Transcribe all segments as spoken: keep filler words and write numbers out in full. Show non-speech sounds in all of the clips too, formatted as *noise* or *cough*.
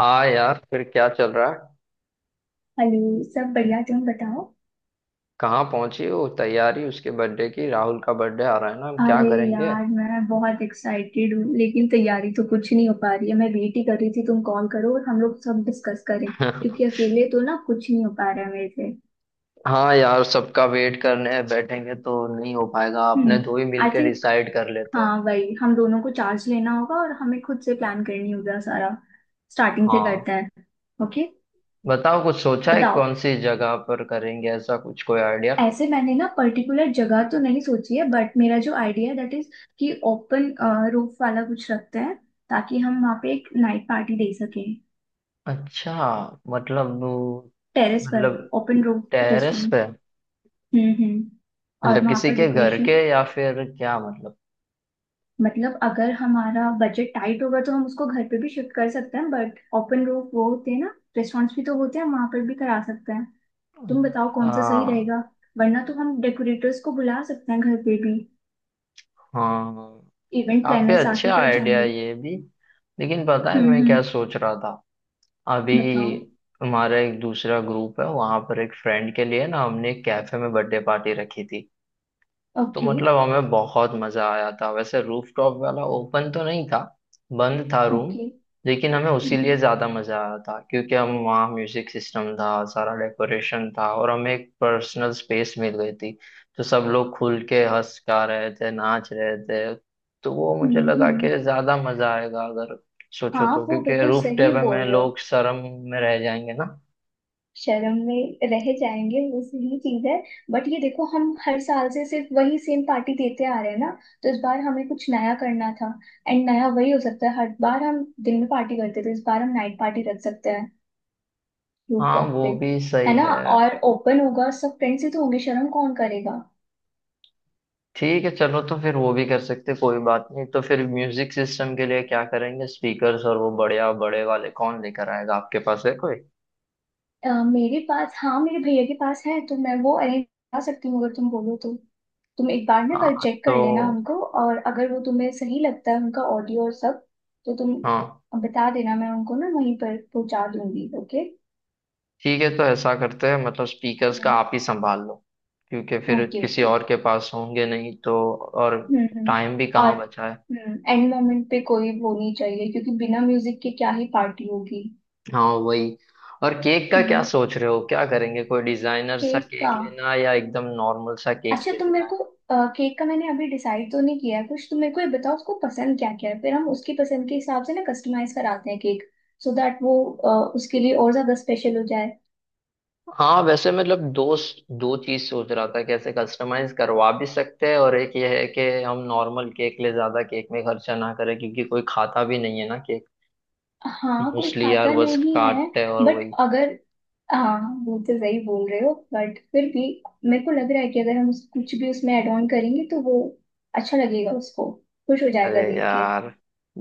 हाँ यार, फिर क्या चल रहा है? हेलो। सब बढ़िया, तुम बताओ। कहाँ पहुंची हो तैयारी उसके बर्थडे की? राहुल का बर्थडे आ रहा है ना, हम क्या अरे करेंगे? यार, मैं बहुत एक्साइटेड हूँ लेकिन तैयारी तो कुछ नहीं हो पा रही है। मैं वेट ही कर रही थी तुम कॉल करो और हम लोग सब डिस्कस करें। क्योंकि *laughs* अकेले तो ना कुछ नहीं हो पा रहा है मेरे से। हाँ यार, सबका वेट करने बैठेंगे तो नहीं हो पाएगा। आपने दो ही हम्म आई मिलके थिंक। डिसाइड कर लेते हैं। हाँ वही, हम दोनों को चार्ज लेना होगा और हमें खुद से प्लान करनी होगा सारा। स्टार्टिंग से हाँ, करते हैं। ओके। बताओ, कुछ सोचा है बताओ। कौन सी जगह पर करेंगे? ऐसा कुछ कोई आइडिया? ऐसे मैंने ना पर्टिकुलर जगह तो नहीं सोची है बट मेरा जो आइडिया है दैट इज कि ओपन रूफ वाला कुछ रखते हैं, ताकि हम वहाँ पे एक नाइट पार्टी दे सकें। अच्छा, मतलब वो- टेरेस पर। मतलब ओपन रूफ। Terrace restaurant. पे? हम्म हम्म। और मतलब वहाँ किसी पर के घर डेकोरेशन। के या फिर क्या मतलब? मतलब अगर हमारा बजट टाइट होगा तो हम उसको घर पे भी शिफ्ट कर सकते हैं, बट ओपन रूफ वो होते हैं ना रेस्टोरेंट्स भी तो होते हैं, हम वहाँ पर भी करा सकते हैं। तुम बताओ कौन सा सही हाँ। रहेगा। वरना तो हम डेकोरेटर्स को बुला सकते हैं घर पे भी। हाँ, इवेंट काफी प्लानर्स आके अच्छा कर आइडिया है जाएंगे। ये भी। लेकिन पता है हम्म मैं हम्म। क्या सोच रहा था अभी? बताओ। हमारा एक दूसरा ग्रुप है, वहां पर एक फ्रेंड के लिए ना हमने एक कैफे में बर्थडे पार्टी रखी थी। तो ओके मतलब हमें बहुत मजा आया था। वैसे रूफटॉप वाला ओपन तो नहीं था, बंद था रूम। ओके। लेकिन हमें उसी लिए हम्म ज्यादा मजा आया था, क्योंकि हम वहाँ म्यूजिक सिस्टम था, सारा डेकोरेशन था, और हमें एक पर्सनल स्पेस मिल गई थी। तो सब लोग खुल के हंस गा रहे थे, नाच रहे थे। तो वो मुझे हम्म लगा हम्म। कि ज्यादा मजा आएगा अगर सोचो हाँ, तो, वो क्योंकि बिल्कुल रूफ सही टॉप बोल में रहे हो। लोग शर्म में रह जाएंगे ना। शर्म में रह जाएंगे, वो सही चीज है। बट ये देखो, हम हर साल से सिर्फ वही सेम पार्टी देते आ रहे हैं ना। तो इस बार हमें कुछ नया करना था। एंड नया वही हो सकता है, हर बार हम दिन में पार्टी करते थे, इस बार हम नाइट पार्टी रख सकते हैं हाँ रूफटॉप पे। वो भी सही है ना? है। और ओपन होगा, सब फ्रेंड्स ही तो होंगे, शर्म कौन करेगा। ठीक है चलो, तो फिर वो भी कर सकते, कोई बात नहीं। तो फिर म्यूजिक सिस्टम के लिए क्या करेंगे? स्पीकर्स और वो बढ़िया बड़े वाले कौन लेकर आएगा? आपके पास है कोई? अ, मेरे पास, हाँ मेरे भैया के पास है, तो मैं वो अरेंज करा सकती हूँ अगर तुम बोलो तो। तुम एक बार ना कल हाँ चेक तो। कर लेना उनको। और अगर वो तुम्हें सही लगता है, उनका ऑडियो और सब, तो तुम हाँ बता देना, मैं उनको ना वहीं पर पहुंचा दूंगी। ओके ठीक है, तो ऐसा करते हैं, मतलब स्पीकर्स का आप ही संभाल लो, क्योंकि फिर ओके किसी ओके। और के पास होंगे नहीं। तो और हम्म हम्म। टाइम भी और कहाँ बचा है? हम्म एंड मोमेंट पे कोई वो नहीं चाहिए, क्योंकि बिना म्यूजिक के क्या ही पार्टी होगी। हाँ वही। और केक का क्या हम्म। सोच रहे हो, क्या करेंगे? कोई डिजाइनर सा केक का। केक लेना है या एकदम नॉर्मल सा केक अच्छा, ले तुम लेना मेरे है? को, केक का मैंने अभी डिसाइड तो नहीं किया है कुछ। तुम मेरे को ये बताओ उसको पसंद क्या क्या है, फिर हम उसकी पसंद के हिसाब से ना कस्टमाइज कराते हैं केक। सो दैट वो अ, उसके लिए और ज्यादा स्पेशल हो जाए। हाँ वैसे मतलब, दो दो चीज सोच रहा था। कैसे कस्टमाइज करवा भी सकते हैं, और एक ये है कि हम नॉर्मल केक ले, ज्यादा केक में खर्चा ना करें, क्योंकि कोई खाता भी नहीं है ना केक। हाँ, कोई मोस्टली यार खाता बस नहीं है। काटते हैं और बट वही। अगर हाँ, वो तो सही बोल रहे हो बट फिर भी मेरे को लग रहा है कि अगर हम उस- कुछ भी उसमें ऐड ऑन करेंगे तो वो अच्छा लगेगा उसको, खुश हो अरे जाएगा देख के। यार,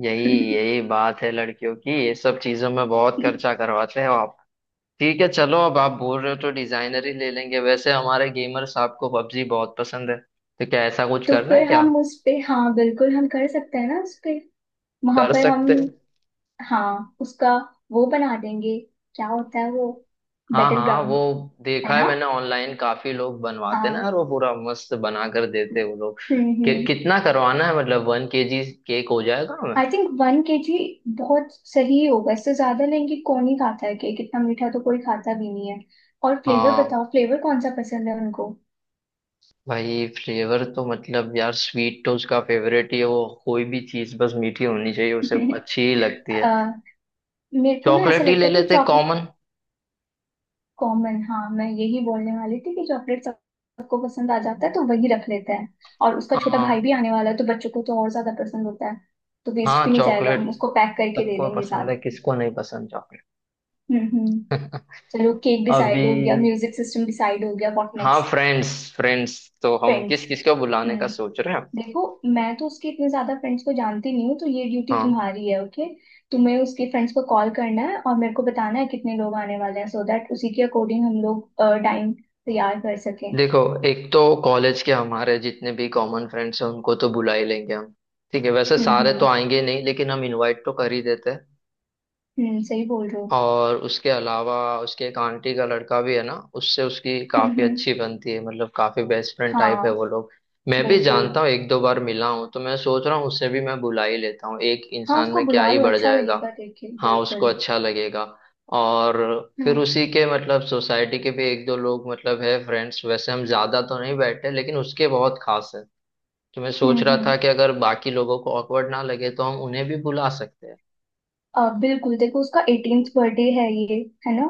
यही *laughs* यही बात है लड़कियों की, ये सब चीजों में बहुत खर्चा करवाते हैं आप। ठीक है चलो, अब आप बोल रहे हो तो डिजाइनर ही ले लेंगे। वैसे हमारे गेमर साहब को पबजी बहुत पसंद है, तो क्या ऐसा कुछ तो करना फिर है क्या? हम उस पे, हाँ बिल्कुल हम कर सकते हैं ना उस पे। वहां कर पर हम, सकते हैं। हाँ उसका वो बना देंगे। क्या होता है वो? हाँ बैटल हाँ वो, ग्राउंड। है देखा है ना? मैंने ऑनलाइन, काफी लोग बनवाते हैं ना यार, हाँ। वो पूरा मस्त बना कर देते हैं वो लोग। हम्म कि, हम्म। कितना करवाना है? मतलब वन केजी केक हो जाएगा हमें? आई थिंक वन केजी बहुत सही होगा, इससे ज्यादा लेंगे कौन ही खाता है केक, इतना मीठा तो कोई खाता भी नहीं है। और फ्लेवर हाँ, बताओ, फ्लेवर कौन सा पसंद है उनको। भाई फ्लेवर तो मतलब यार, स्वीट तो उसका फेवरेट ही है। वो कोई भी चीज बस मीठी होनी चाहिए, उसे *laughs* अच्छी ही लगती अ, है। मेरे को ना ऐसा चॉकलेट ही लगता ले है कि लेते, चॉकलेट। कॉमन। कॉमन, हाँ मैं यही बोलने वाली थी कि चॉकलेट सबको पसंद आ जाता है, तो वही रख लेते हैं। और उसका छोटा भाई हाँ भी आने वाला है, तो बच्चों को तो और ज्यादा पसंद होता है। तो वेस्ट हाँ भी नहीं जाएगा, चॉकलेट हम उसको पैक करके दे सबको देंगे पसंद साथ है, में। किसको नहीं पसंद चॉकलेट? हम्म हम्म। *laughs* चलो, केक अभी, डिसाइड हो गया, म्यूजिक सिस्टम डिसाइड हो गया। व्हाट हाँ नेक्स्ट? फ्रेंड्स। फ्रेंड्स तो हम फ्रेंड्स। किस किस को बुलाने का हम्म। सोच रहे हैं? देखो, मैं तो उसके इतने ज्यादा फ्रेंड्स को जानती नहीं हूँ, तो ये ड्यूटी हाँ तुम्हारी है, ओके? तुम्हें उसके फ्रेंड्स को कॉल करना है और मेरे को बताना है कितने लोग आने वाले हैं, सो दैट उसी के अकॉर्डिंग हम लोग टाइम तैयार कर सकें। देखो, एक तो कॉलेज के हमारे जितने भी कॉमन फ्रेंड्स हैं उनको तो बुला ही लेंगे हम। ठीक है, वैसे हम्म सारे तो हम्म आएंगे नहीं, लेकिन हम इनवाइट तो कर ही देते हैं। हम्म। सही बोल रहे हो। और उसके अलावा, उसके एक आंटी का लड़का भी है ना, उससे उसकी हम्म काफी हम्म। अच्छी बनती है, मतलब काफी बेस्ट फ्रेंड टाइप हाँ है वो लोग। मैं भी बिल्कुल। जानता हूँ, एक दो बार मिला हूँ, तो मैं सोच रहा हूँ उससे भी मैं बुला ही लेता हूँ, एक हाँ, इंसान उसको में क्या बुला ही लो, बढ़ अच्छा जाएगा। लगेगा देख के, हाँ उसको बिल्कुल। अच्छा लगेगा। और फिर हम्म उसी के मतलब सोसाइटी के भी एक दो लोग, मतलब है फ्रेंड्स, वैसे हम ज्यादा तो नहीं बैठे लेकिन उसके बहुत खास है। तो मैं हम्म सोच रहा हम्म। था कि अगर बाकी लोगों को ऑकवर्ड ना लगे तो हम उन्हें भी बुला सकते हैं। अ, बिल्कुल। देखो, उसका एटीन्थ बर्थडे है ये, है ना?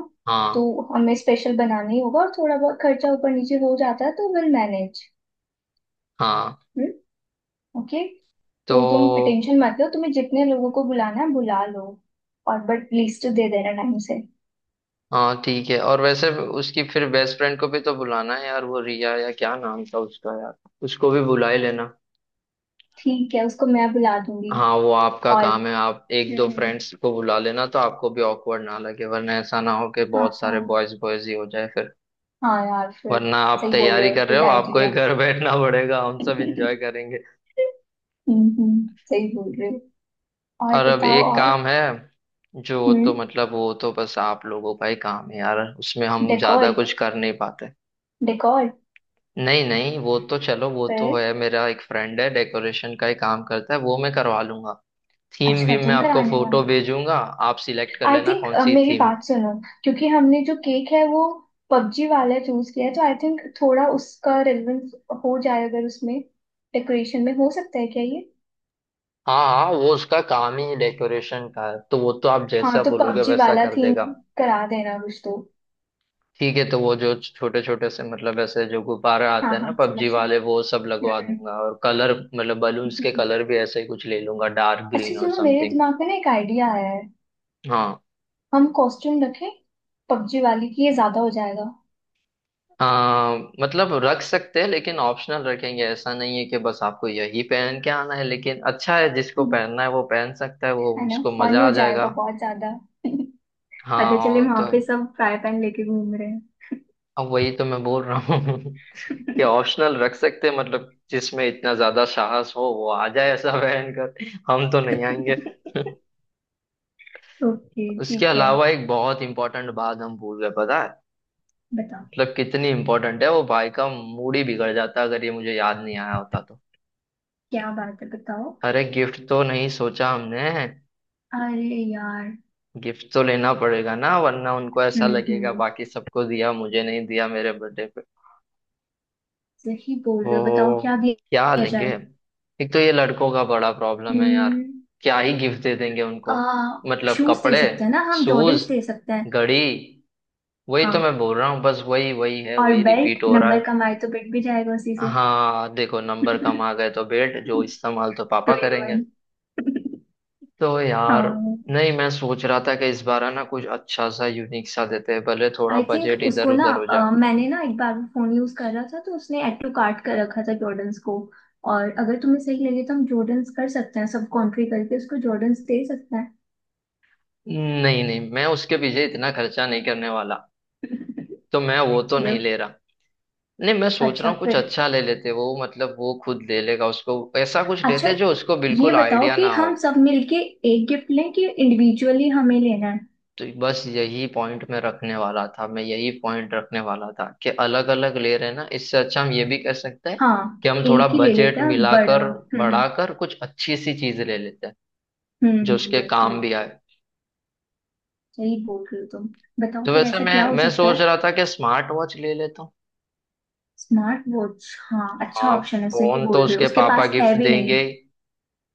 तो हाँ। हमें स्पेशल बनाना ही होगा, और थोड़ा बहुत खर्चा ऊपर नीचे हो जाता है तो विल मैनेज। हाँ हम्म। ओके। तो। तो तुम टेंशन मत लो, तुम्हें जितने लोगों को बुलाना है बुला लो। और बट लिस्ट दे देना टाइम से। हाँ ठीक है। और वैसे उसकी फिर बेस्ट फ्रेंड को भी तो बुलाना है यार, वो रिया या क्या नाम था उसका यार, उसको भी बुला ही लेना। ठीक है, उसको मैं बुला दूंगी। हाँ वो आपका और काम है, हम्म आप एक दो हम्म, फ्रेंड्स को बुला लेना तो आपको भी ऑकवर्ड ना लगे, वरना ऐसा ना हो कि हाँ बहुत हाँ। सारे बॉयज बॉयज ही हो जाए फिर। हाँ यार फिर, वरना आप सही बोल रहे तैयारी हो, कर रहे गुड हो, आपको ही आइडिया। घर *laughs* बैठना पड़ेगा, हम सब हम्म। एंजॉय करेंगे। सही बोल रहे हो। और और अब बताओ एक और। काम है, जो तो हम्म। मतलब वो तो बस आप लोगों का ही काम है यार, उसमें हम ज्यादा डेकोर। कुछ कर नहीं पाते। डेकोर। नहीं नहीं, वो तो चलो, वो तो पर है, मेरा एक फ्रेंड है डेकोरेशन का ही काम करता है, वो मैं करवा लूंगा। थीम अच्छा, वीम मैं तुम आपको कराने फोटो वाले। भेजूंगा, आप सिलेक्ट कर आई लेना थिंक, कौन सी मेरी थीम। बात सुनो, क्योंकि हमने जो केक है वो पबजी वाला चूज किया है, तो आई थिंक थोड़ा उसका रेलेवेंस हो जाए अगर उसमें डेकोरेशन में, हो सकता है क्या ये? हाँ हाँ, वो उसका काम ही डेकोरेशन का है, तो वो तो आप हाँ जैसा तो बोलोगे पबजी वैसा वाला कर थीम देगा। करा देना कुछ तो। ठीक है, तो वो जो छोटे छोटे से मतलब ऐसे जो गुब्बारा हाँ आते हैं ना हाँ, समझ पबजी वाले, वो सब लगवा रहे। हम्म, दूंगा, और कलर मतलब हम्म, बलून्स के हम्म। कलर भी ऐसे ही कुछ ले लूंगा, डार्क अच्छा ग्रीन और सुनो, मेरे समथिंग। दिमाग में ना एक आइडिया आया है। हाँ। हम कॉस्ट्यूम रखें पबजी वाली की? ये ज्यादा हो जाएगा? आ, मतलब रख सकते हैं, लेकिन ऑप्शनल रखेंगे। ऐसा नहीं है कि बस आपको यही पहन के आना है, लेकिन अच्छा है, जिसको हम्म, पहनना है वो पहन सकता है, वो है ना? उसको फन मजा हो आ जाएगा जाएगा। बहुत ज्यादा। *laughs* हाँ पता चले और वहां तो। पे सब फ्राई पैन लेके घूम रहे हैं। अब वही तो मैं बोल रहा हूँ *laughs* कि ऑप्शनल रख सकते हैं, मतलब जिसमें इतना ज्यादा साहस हो वो आ जाए ऐसा पहन कर। हम तो नहीं आएंगे *laughs* *laughs* ओके उसके ठीक है। अलावा एक बहुत इंपॉर्टेंट बात हम भूल गए, पता है? बताओ। मतलब कितनी इंपॉर्टेंट है, वो भाई का मूड ही बिगड़ जाता अगर ये मुझे याद नहीं आया होता तो। क्या बात है, बताओ। अरे गिफ्ट तो नहीं सोचा हमने। अरे यार। गिफ्ट तो लेना पड़ेगा ना, वरना उनको ऐसा हम्म लगेगा हम्म। बाकी सबको दिया, मुझे नहीं दिया मेरे बर्थडे पे। सही बोल रहे हो, बताओ क्या तो क्या दिया लेंगे? जाए। एक तो ये लड़कों का बड़ा प्रॉब्लम है यार, हम्म। क्या ही गिफ्ट दे देंगे आ उनको? मतलब शूज दे कपड़े, सकते हैं ना, हम जॉर्डन्स शूज, दे सकते हैं। घड़ी, वही तो हाँ। मैं बोल रहा हूँ, बस वही वही है, और वही बेल्ट, रिपीट हो रहा नंबर है। कमाए तो बेल्ट भी जाएगा उसी से। *laughs* हाँ देखो, नंबर कम आ गए तो बेट जो, इस्तेमाल तो टू पापा इन करेंगे। वन। तो यार, आई नहीं मैं सोच रहा था कि इस बार है ना, कुछ अच्छा सा यूनिक सा देते हैं, भले थोड़ा थिंक बजट इधर उसको ना, उधर हो जा। अ, मैंने ना एक बार फोन यूज कर रहा था तो उसने एड टू कार्ट कर रखा था जॉर्डन्स को। और अगर तुम्हें सही लगे तो हम जॉर्डन्स कर सकते हैं, सब कॉन्ट्री करके उसको जॉर्डन्स दे सकते हैं। नहीं नहीं, मैं उसके पीछे इतना खर्चा नहीं करने वाला, तो मैं वो *laughs* तो चलो। नहीं ले रहा। नहीं, मैं सोच रहा अच्छा हूँ कुछ फिर। अच्छा ले लेते, वो मतलब वो खुद ले लेगा, उसको ऐसा कुछ अच्छा लेते जो उसको ये बिल्कुल बताओ आइडिया कि ना हो। हम सब मिलके एक गिफ्ट लें कि इंडिविजुअली हमें लेना है। तो बस यही पॉइंट मैं रखने वाला था, मैं यही पॉइंट रखने वाला था कि अलग अलग ले रहे हैं ना, इससे अच्छा हम ये भी कह सकते हैं हाँ, कि हम थोड़ा एक ही ले बजट लेते हैं बड़ा। मिलाकर हम्म हम्म। बढ़ाकर कुछ अच्छी सी चीज ले लेते हैं, हम्म जो हम्म, उसके काम बिल्कुल। भी आए। सही बोल रहे हो तुम। बताओ तो फिर वैसे ऐसा मैं क्या हो मैं सकता है। सोच रहा था कि स्मार्ट वॉच ले लेता हूँ। Smart watch? हाँ अच्छा हाँ ऑप्शन है, सही फोन तो बोल रहे हो, उसके उसके पापा पास है गिफ्ट भी नहीं। देंगे ही,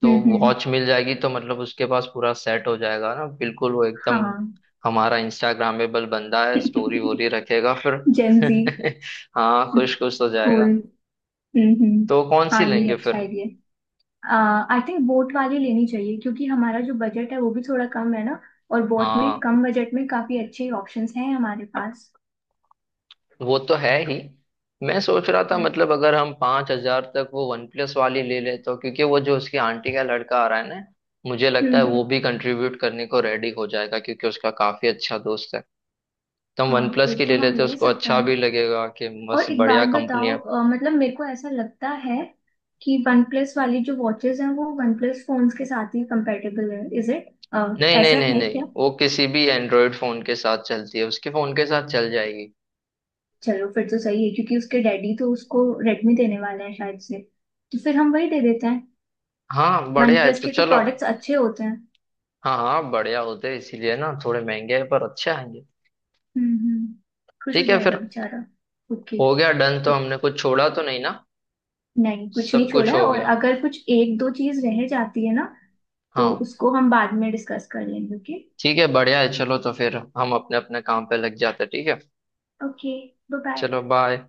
तो हम्म हम्म। वॉच मिल जाएगी तो मतलब उसके पास पूरा सेट हो जाएगा ना, बिल्कुल वो एकदम हाँ। हमारा इंस्टाग्रामेबल बंदा है, स्टोरी वोरी रखेगा फिर *laughs* जेंजी। *laughs* हाँ, खुश खुश हो कूल। जाएगा। हम्म हम्म, तो कौन सी हाँ ये लेंगे फिर? अच्छा आइडिया। आई थिंक बोट वाली लेनी चाहिए, क्योंकि हमारा जो बजट है वो भी थोड़ा कम है ना। और बोट में हाँ कम बजट में काफी अच्छे ऑप्शंस हैं हमारे पास। वो तो है ही। मैं सोच रहा था, हम्म मतलब अगर हम पांच हजार तक वो वन प्लस वाली ले ले, तो क्योंकि वो जो उसकी आंटी का लड़का आ रहा है ना, मुझे हम्म, लगता है हम्म, वो भी कंट्रीब्यूट करने को रेडी हो जाएगा, क्योंकि उसका काफी अच्छा दोस्त है। तो हम हाँ वन प्लस फिर की तो ले हम लेते, ले उसको सकते अच्छा हैं। भी लगेगा कि बस और एक बढ़िया बात बताओ, कंपनियां। अ, मतलब मेरे को ऐसा लगता है कि वन प्लस वाली जो वॉचेस हैं वो वन प्लस फोन्स के साथ ही कंपेटेबल है, इज इट? नहीं नहीं ऐसा नहीं है नहीं, क्या। वो किसी भी एंड्रॉयड फोन के साथ चलती है, उसके फोन के साथ चल जाएगी। चलो फिर तो सही है, क्योंकि उसके डैडी तो उसको रेडमी देने वाले हैं शायद से, तो फिर हम वही दे देते हैं। हाँ वन बढ़िया है, प्लस तो के तो चलो। प्रोडक्ट्स अच्छे होते हैं। हाँ हाँ बढ़िया होते हैं, इसीलिए ना थोड़े महंगे हैं, पर अच्छे आएंगे। हम्म हम्म। खुश हो ठीक है जाएगा फिर, बेचारा। ओके। हो गया डन। तो तो हमने कुछ छोड़ा तो नहीं ना? नहीं, कुछ सब नहीं कुछ छोड़ा है, हो और गया। अगर कुछ एक दो चीज रह जाती है ना तो हाँ उसको हम बाद में डिस्कस कर लेंगे। ओके। ठीक है, बढ़िया है, चलो तो फिर हम अपने अपने काम पे लग जाते हैं, ठीक है? ओके बाय चलो बाय। बाय।